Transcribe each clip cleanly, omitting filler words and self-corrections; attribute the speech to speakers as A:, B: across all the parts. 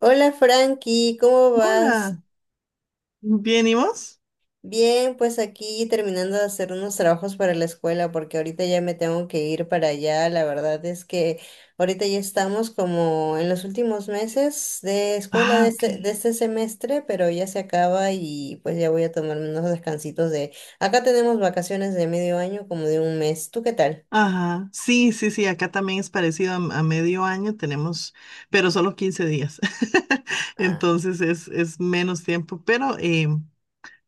A: Hola Frankie, ¿cómo vas?
B: Hola, ¿bien y vos?
A: Bien, pues aquí terminando de hacer unos trabajos para la escuela porque ahorita ya me tengo que ir para allá. La verdad es que ahorita ya estamos como en los últimos meses de escuela de
B: Ah, ok.
A: este, de este semestre, pero ya se acaba y pues ya voy a tomarme unos descansitos de... Acá tenemos vacaciones de medio año, como de un mes. ¿Tú qué tal?
B: Ajá, sí, sí, sí, acá también es parecido a, medio año, tenemos, pero solo 15 días.
A: Ah,
B: Entonces es menos tiempo,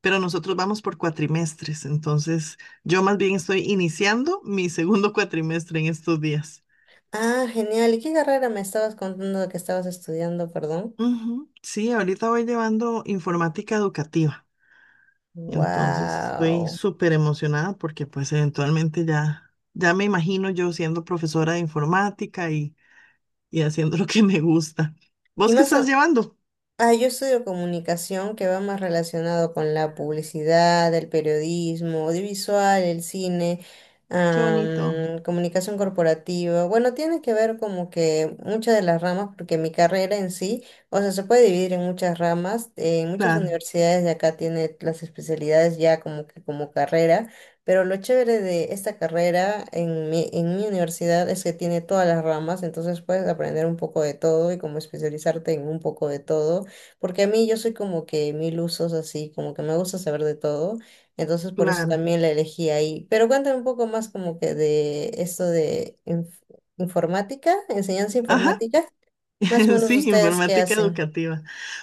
B: pero nosotros vamos por cuatrimestres, entonces yo más bien estoy iniciando mi segundo cuatrimestre en estos días.
A: ah, genial. ¿Y qué carrera me estabas contando que estabas estudiando, perdón?
B: Ujú, sí, ahorita voy llevando informática educativa. Entonces estoy
A: Wow.
B: súper emocionada porque pues eventualmente ya me imagino yo siendo profesora de informática y haciendo lo que me gusta.
A: ¿Y
B: ¿Vos qué
A: más
B: estás
A: o-
B: llevando?
A: Ah, yo estudio comunicación que va más relacionado con la publicidad, el periodismo, audiovisual, el cine,
B: Qué bonito.
A: comunicación corporativa. Bueno, tiene que ver como que muchas de las ramas, porque mi carrera en sí, o sea, se puede dividir en muchas ramas. En muchas
B: Claro,
A: universidades de acá tiene las especialidades ya como que como carrera, pero lo chévere de esta carrera en mi universidad es que tiene todas las ramas, entonces puedes aprender un poco de todo y como especializarte en un poco de todo. Porque a mí yo soy como que mil usos así, como que me gusta saber de todo, entonces por eso
B: claro.
A: también la elegí ahí. Pero cuéntame un poco más como que de esto de informática, enseñanza
B: Ajá,
A: informática, más o menos
B: sí,
A: ustedes qué
B: informática
A: hacen.
B: educativa.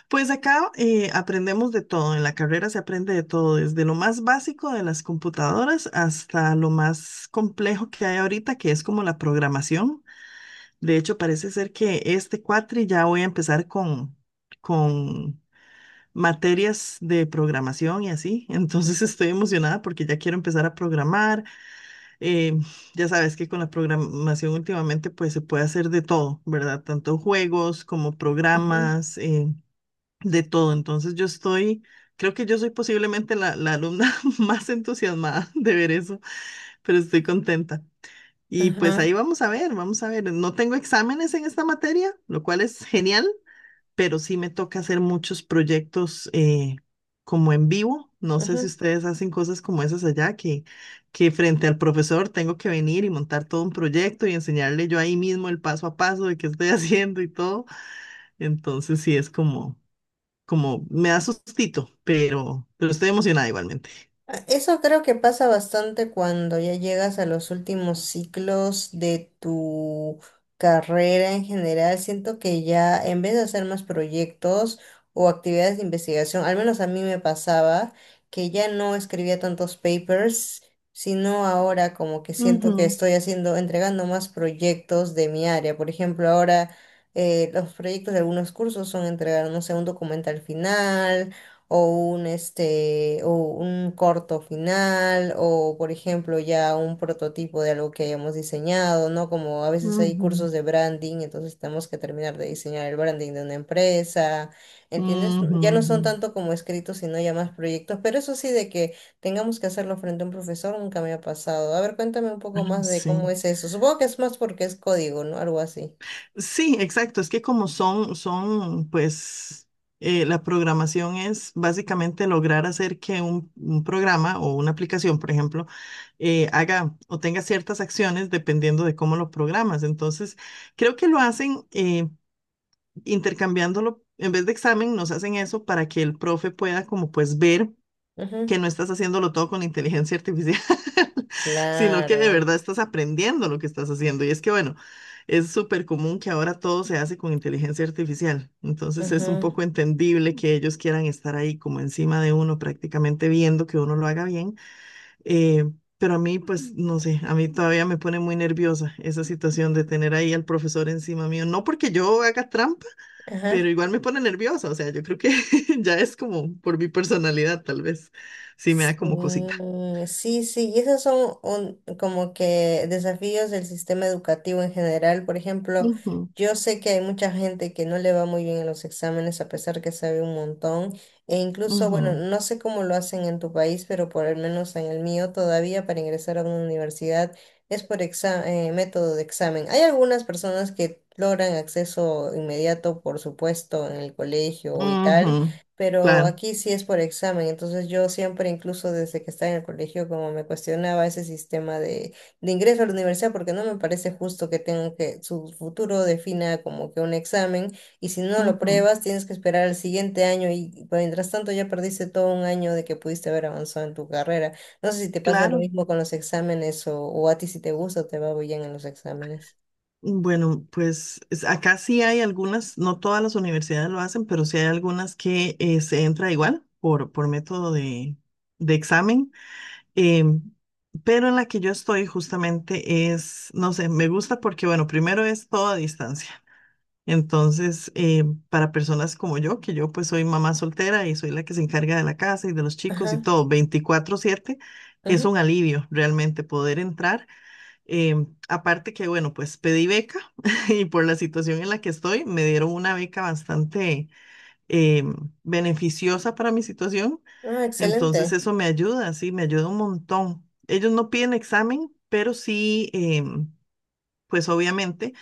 B: Pues acá aprendemos de todo, en la carrera se aprende de todo, desde lo más básico de las computadoras hasta lo más complejo que hay ahorita, que es como la programación. De hecho, parece ser que este cuatri ya voy a empezar con materias de programación y así. Entonces estoy emocionada porque ya quiero empezar a programar. Eh, ya sabes que con la programación últimamente pues se puede hacer de todo, ¿verdad? Tanto juegos como
A: Ujú,
B: programas, de todo. Entonces yo estoy, creo que yo soy posiblemente la alumna más entusiasmada de ver eso, pero estoy contenta. Y pues
A: ajá,
B: ahí vamos a ver, vamos a ver. No tengo exámenes en esta materia, lo cual es genial, pero sí me toca hacer muchos proyectos como en vivo. No sé
A: ajá.
B: si
A: Ujú.
B: ustedes hacen cosas como esas allá, que frente al profesor tengo que venir y montar todo un proyecto y enseñarle yo ahí mismo el paso a paso de qué estoy haciendo y todo. Entonces sí es como me da sustito, pero estoy emocionada igualmente.
A: Ah, eso creo que pasa bastante cuando ya llegas a los últimos ciclos de tu carrera en general. Siento que ya en vez de hacer más proyectos o actividades de investigación, al menos a mí me pasaba que ya no escribía tantos papers, sino ahora como que siento que
B: Ujú,
A: estoy haciendo, entregando más proyectos de mi área. Por ejemplo, ahora los proyectos de algunos cursos son entregar, no sé, un documento al final o un este o un corto final o por ejemplo ya un prototipo de algo que hayamos diseñado, ¿no? Como a veces hay
B: ujú,
A: cursos de branding, entonces tenemos que terminar de diseñar el branding de una empresa, ¿entiendes?
B: ujú,
A: Ya no
B: ujú.
A: son tanto como escritos, sino ya más proyectos, pero eso sí de que tengamos que hacerlo frente a un profesor nunca me ha pasado. A ver, cuéntame un
B: Ah,
A: poco más de cómo
B: sí.
A: es eso. Supongo que es más porque es código, ¿no? Algo así.
B: Sí, exacto. Es que como son, pues, la programación es básicamente lograr hacer que un programa o una aplicación, por ejemplo, haga o tenga ciertas acciones dependiendo de cómo lo programas. Entonces, creo que lo hacen intercambiándolo, en vez de examen, nos hacen eso para que el profe pueda como pues ver que
A: Ujú,
B: no estás haciéndolo todo con inteligencia artificial, sino que de
A: claro.
B: verdad estás aprendiendo lo que estás haciendo. Y es que, bueno, es súper común que ahora todo se hace con inteligencia artificial. Entonces es un
A: Ujú,
B: poco entendible que ellos quieran estar ahí como encima de uno, prácticamente viendo que uno lo haga bien. eh, pero a mí, pues, no sé, a mí todavía me pone muy nerviosa esa situación de tener ahí al profesor encima mío. No porque yo haga trampa, pero
A: ajá.
B: igual me pone nerviosa, o sea, yo creo que ya es como por mi personalidad, tal vez, sí me da como
A: Sí,
B: cosita.
A: sí, sí, y esos son como que desafíos del sistema educativo en general. Por ejemplo,
B: Ujú,
A: yo sé que hay mucha gente que no le va muy bien en los exámenes a pesar que sabe un montón. E incluso, bueno,
B: ujú,
A: no sé cómo lo hacen en tu país, pero por lo menos en el mío todavía para ingresar a una universidad es por método de examen. Hay algunas personas que logran acceso inmediato, por supuesto, en el colegio y tal,
B: ujú,
A: pero
B: claro,
A: aquí sí es por examen, entonces yo siempre, incluso desde que estaba en el colegio, como me cuestionaba ese sistema de ingreso a la universidad, porque no me parece justo que tengan que, su futuro defina como que un examen, y si no lo
B: ujú,
A: pruebas, tienes que esperar al siguiente año, y mientras tanto ya perdiste todo un año de que pudiste haber avanzado en tu carrera. No sé si te pasa lo
B: claro.
A: mismo con los exámenes, o a ti si te gusta o te va bien en los exámenes.
B: Bueno, pues es- acá sí hay algunas, no todas las universidades lo hacen, pero sí hay algunas que se entra igual por método de examen. em, pero en la que yo estoy justamente es, no sé, me gusta porque, bueno, primero es todo a distancia. Entonces, para personas como yo, que yo pues soy mamá soltera y soy la que se encarga de la casa y de los chicos y
A: Ajá,
B: todo, 24/7 es
A: ajá.
B: un alivio realmente poder entrar. Aparte que, bueno, pues pedí beca y por la situación en la que estoy, me dieron una beca bastante em, beneficiosa para mi situación.
A: Ah,
B: Entonces,
A: excelente.
B: eso me ayuda, sí, me ayuda un montón. Ellos no piden examen, pero sí, pues obviamente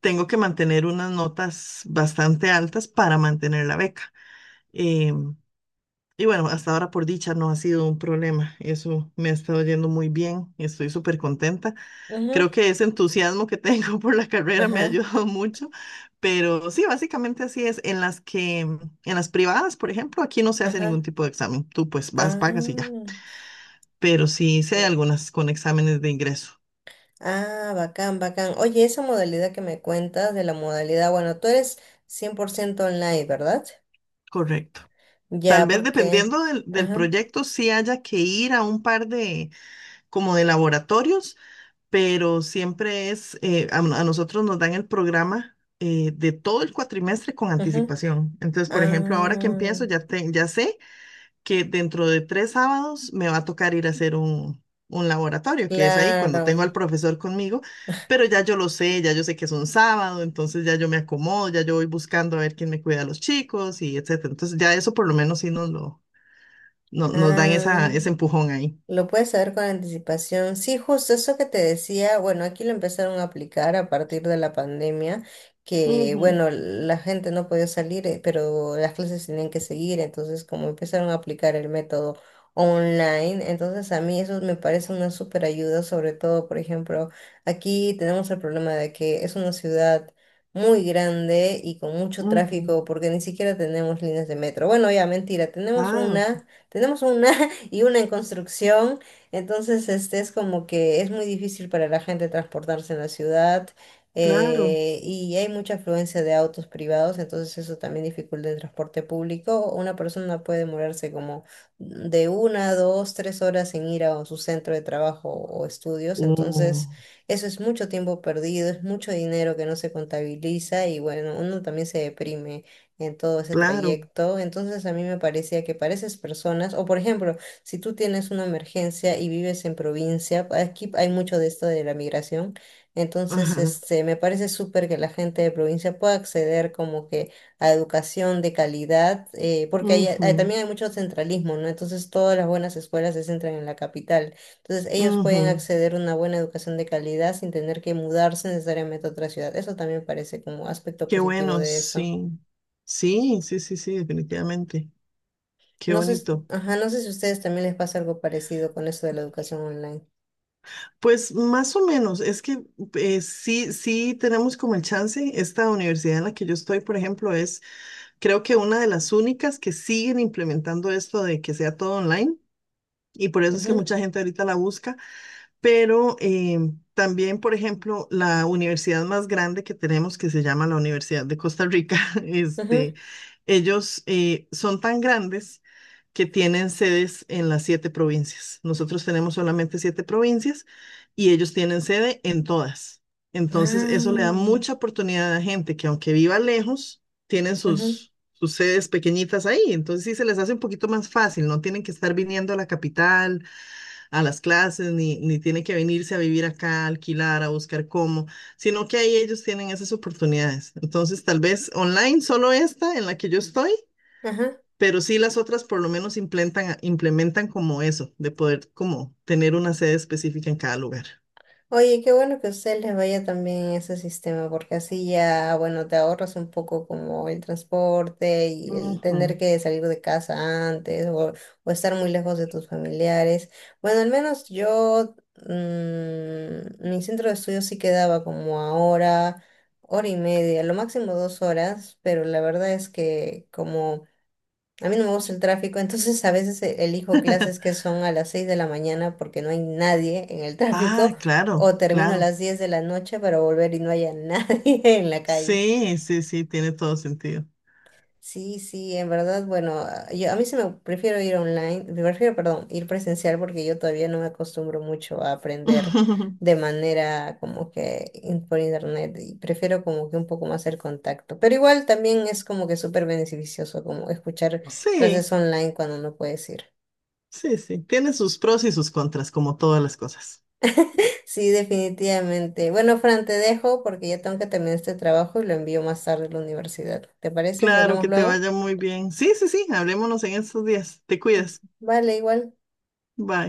B: tengo que mantener unas notas bastante altas para mantener la beca. Em, y bueno, hasta ahora por dicha no ha sido un problema. Eso me ha estado yendo muy bien. Estoy súper contenta.
A: Ajá,
B: Creo que ese entusiasmo que tengo por la carrera me ha
A: ajá,
B: ayudado mucho. Pero sí, básicamente así es. En las privadas, por ejemplo, aquí no se hace ningún
A: ajá.
B: tipo de examen. Tú pues vas,
A: Ah,
B: pagas y ya. Pero sí, sí hay algunas con exámenes de ingreso.
A: ah, bacán, bacán. Oye, esa modalidad que me cuentas de la modalidad, bueno, tú eres 100% online, ¿verdad?
B: Correcto. Tal
A: Ya,
B: vez
A: porque...
B: dependiendo del
A: Ajá,
B: proyecto, sí haya que ir a un par como de laboratorios, pero siempre es, a nosotros nos dan el programa de todo el cuatrimestre con
A: ajá.
B: anticipación. Entonces, por ejemplo, ahora que
A: Ah,
B: empiezo, ya, ya sé que dentro de 3 sábados me va a tocar ir a hacer un laboratorio, que es ahí cuando tengo al
A: claro.
B: profesor conmigo, pero ya yo lo sé, ya yo sé que es un sábado, entonces ya yo me acomodo, ya yo voy buscando a ver quién me cuida a los chicos y etcétera. Entonces, ya eso por lo menos sí nos lo, no- nos dan
A: Ah,
B: ese empujón ahí.
A: lo puedes saber con anticipación. Sí, justo eso que te decía, bueno, aquí lo empezaron a aplicar a partir de la pandemia, que
B: Ujú,
A: bueno, la gente no podía salir, pero las clases tenían que seguir, entonces como empezaron a aplicar el método online, entonces a mí eso me parece una súper ayuda, sobre todo, por ejemplo, aquí tenemos el problema de que es una ciudad muy grande y con mucho
B: ujú.
A: tráfico, porque ni siquiera tenemos líneas de metro. Bueno, ya, mentira, tenemos
B: Ah,
A: una... Tenemos una y una en construcción. Entonces, este es como que es muy difícil para la gente transportarse en la ciudad
B: claro,
A: y hay mucha afluencia de autos privados, entonces eso también dificulta el transporte público. Una persona puede demorarse como de una, dos, tres horas en ir a su centro de trabajo o estudios,
B: oh,
A: entonces eso es mucho tiempo perdido, es mucho dinero que no se contabiliza y bueno, uno también se deprime en todo ese
B: claro,
A: trayecto. Entonces a mí me parecía que para esas personas, o por ejemplo, si tú tienes una emergencia y vives en provincia, aquí hay mucho de esto de la migración, entonces
B: ajá,
A: este, me parece súper que la gente de provincia pueda acceder como que a educación de calidad, porque ahí,
B: ujú,
A: también hay mucho centralismo, ¿no? Entonces todas las buenas escuelas se centran en la capital, entonces ellos pueden
B: ujú.
A: acceder a una buena educación de calidad sin tener que mudarse necesariamente a otra ciudad. Eso también parece como aspecto
B: Qué
A: positivo
B: bueno,
A: de eso.
B: sí, sí, sí, sí, sí, definitivamente, qué
A: No sé,
B: bonito.
A: ajá, no sé si a ustedes también les pasa algo parecido con eso de la educación online.
B: Pues más o menos, es que sí, sí tenemos como el chance, esta universidad en la que yo estoy, por ejemplo, es creo que una de las únicas que siguen implementando esto de que sea todo online y por eso es que mucha gente ahorita la busca. Pero también, por ejemplo, la universidad más grande que tenemos, que se llama la Universidad de Costa Rica,
A: Ajá.
B: este, ellos son tan grandes que tienen sedes en las siete provincias. Nosotros tenemos solamente siete provincias y ellos tienen sede en todas. Entonces, eso le da
A: Ah,
B: mucha oportunidad a la gente que aunque viva lejos, tienen
A: ajá,
B: sus sedes pequeñitas ahí. Entonces, sí se les hace un poquito más fácil, no tienen que estar viniendo a la capital a las clases, ni tiene que venirse a vivir acá, a alquilar, a buscar cómo, sino que ahí ellos tienen esas oportunidades. Entonces, tal vez online solo esta en la que yo estoy,
A: ajá.
B: pero sí las otras por lo menos implementan como eso, de poder como tener una sede específica en cada lugar.
A: Oye, qué bueno que a ustedes les vaya también ese sistema, porque así ya, bueno, te ahorras un poco como el transporte y el
B: Ujú.
A: tener que salir de casa antes o estar muy lejos de tus familiares. Bueno, al menos yo, mi centro de estudio sí quedaba como a hora, hora y media, lo máximo 2 horas, pero la verdad es que como... A mí no me gusta el tráfico, entonces a veces elijo clases que son a las 6 de la mañana porque no hay nadie en el
B: Ah,
A: tráfico,
B: claro,
A: o termino a
B: claro.
A: las 10 de la noche para volver y no haya nadie en la calle.
B: Sí, sí, sí, tiene todo sentido.
A: Sí, sí, en verdad, bueno, yo a mí se me prefiero ir online, prefiero, perdón, ir presencial porque yo todavía no me acostumbro mucho a aprender de manera como que por internet y prefiero como que un poco más el contacto. Pero igual también es como que súper beneficioso como escuchar
B: Sí,
A: clases online cuando no puedes ir.
B: sí, sí, tiene sus pros y sus contras, como todas las cosas.
A: Sí, definitivamente. Bueno, Fran, te dejo porque ya tengo que terminar este trabajo y lo envío más tarde a la universidad. ¿Te parece si
B: Claro,
A: hablamos
B: que te
A: luego?
B: vaya muy bien. Sí, sí, sí, hablémonos en estos días. Te cuidas.
A: Vale, igual.
B: Bye.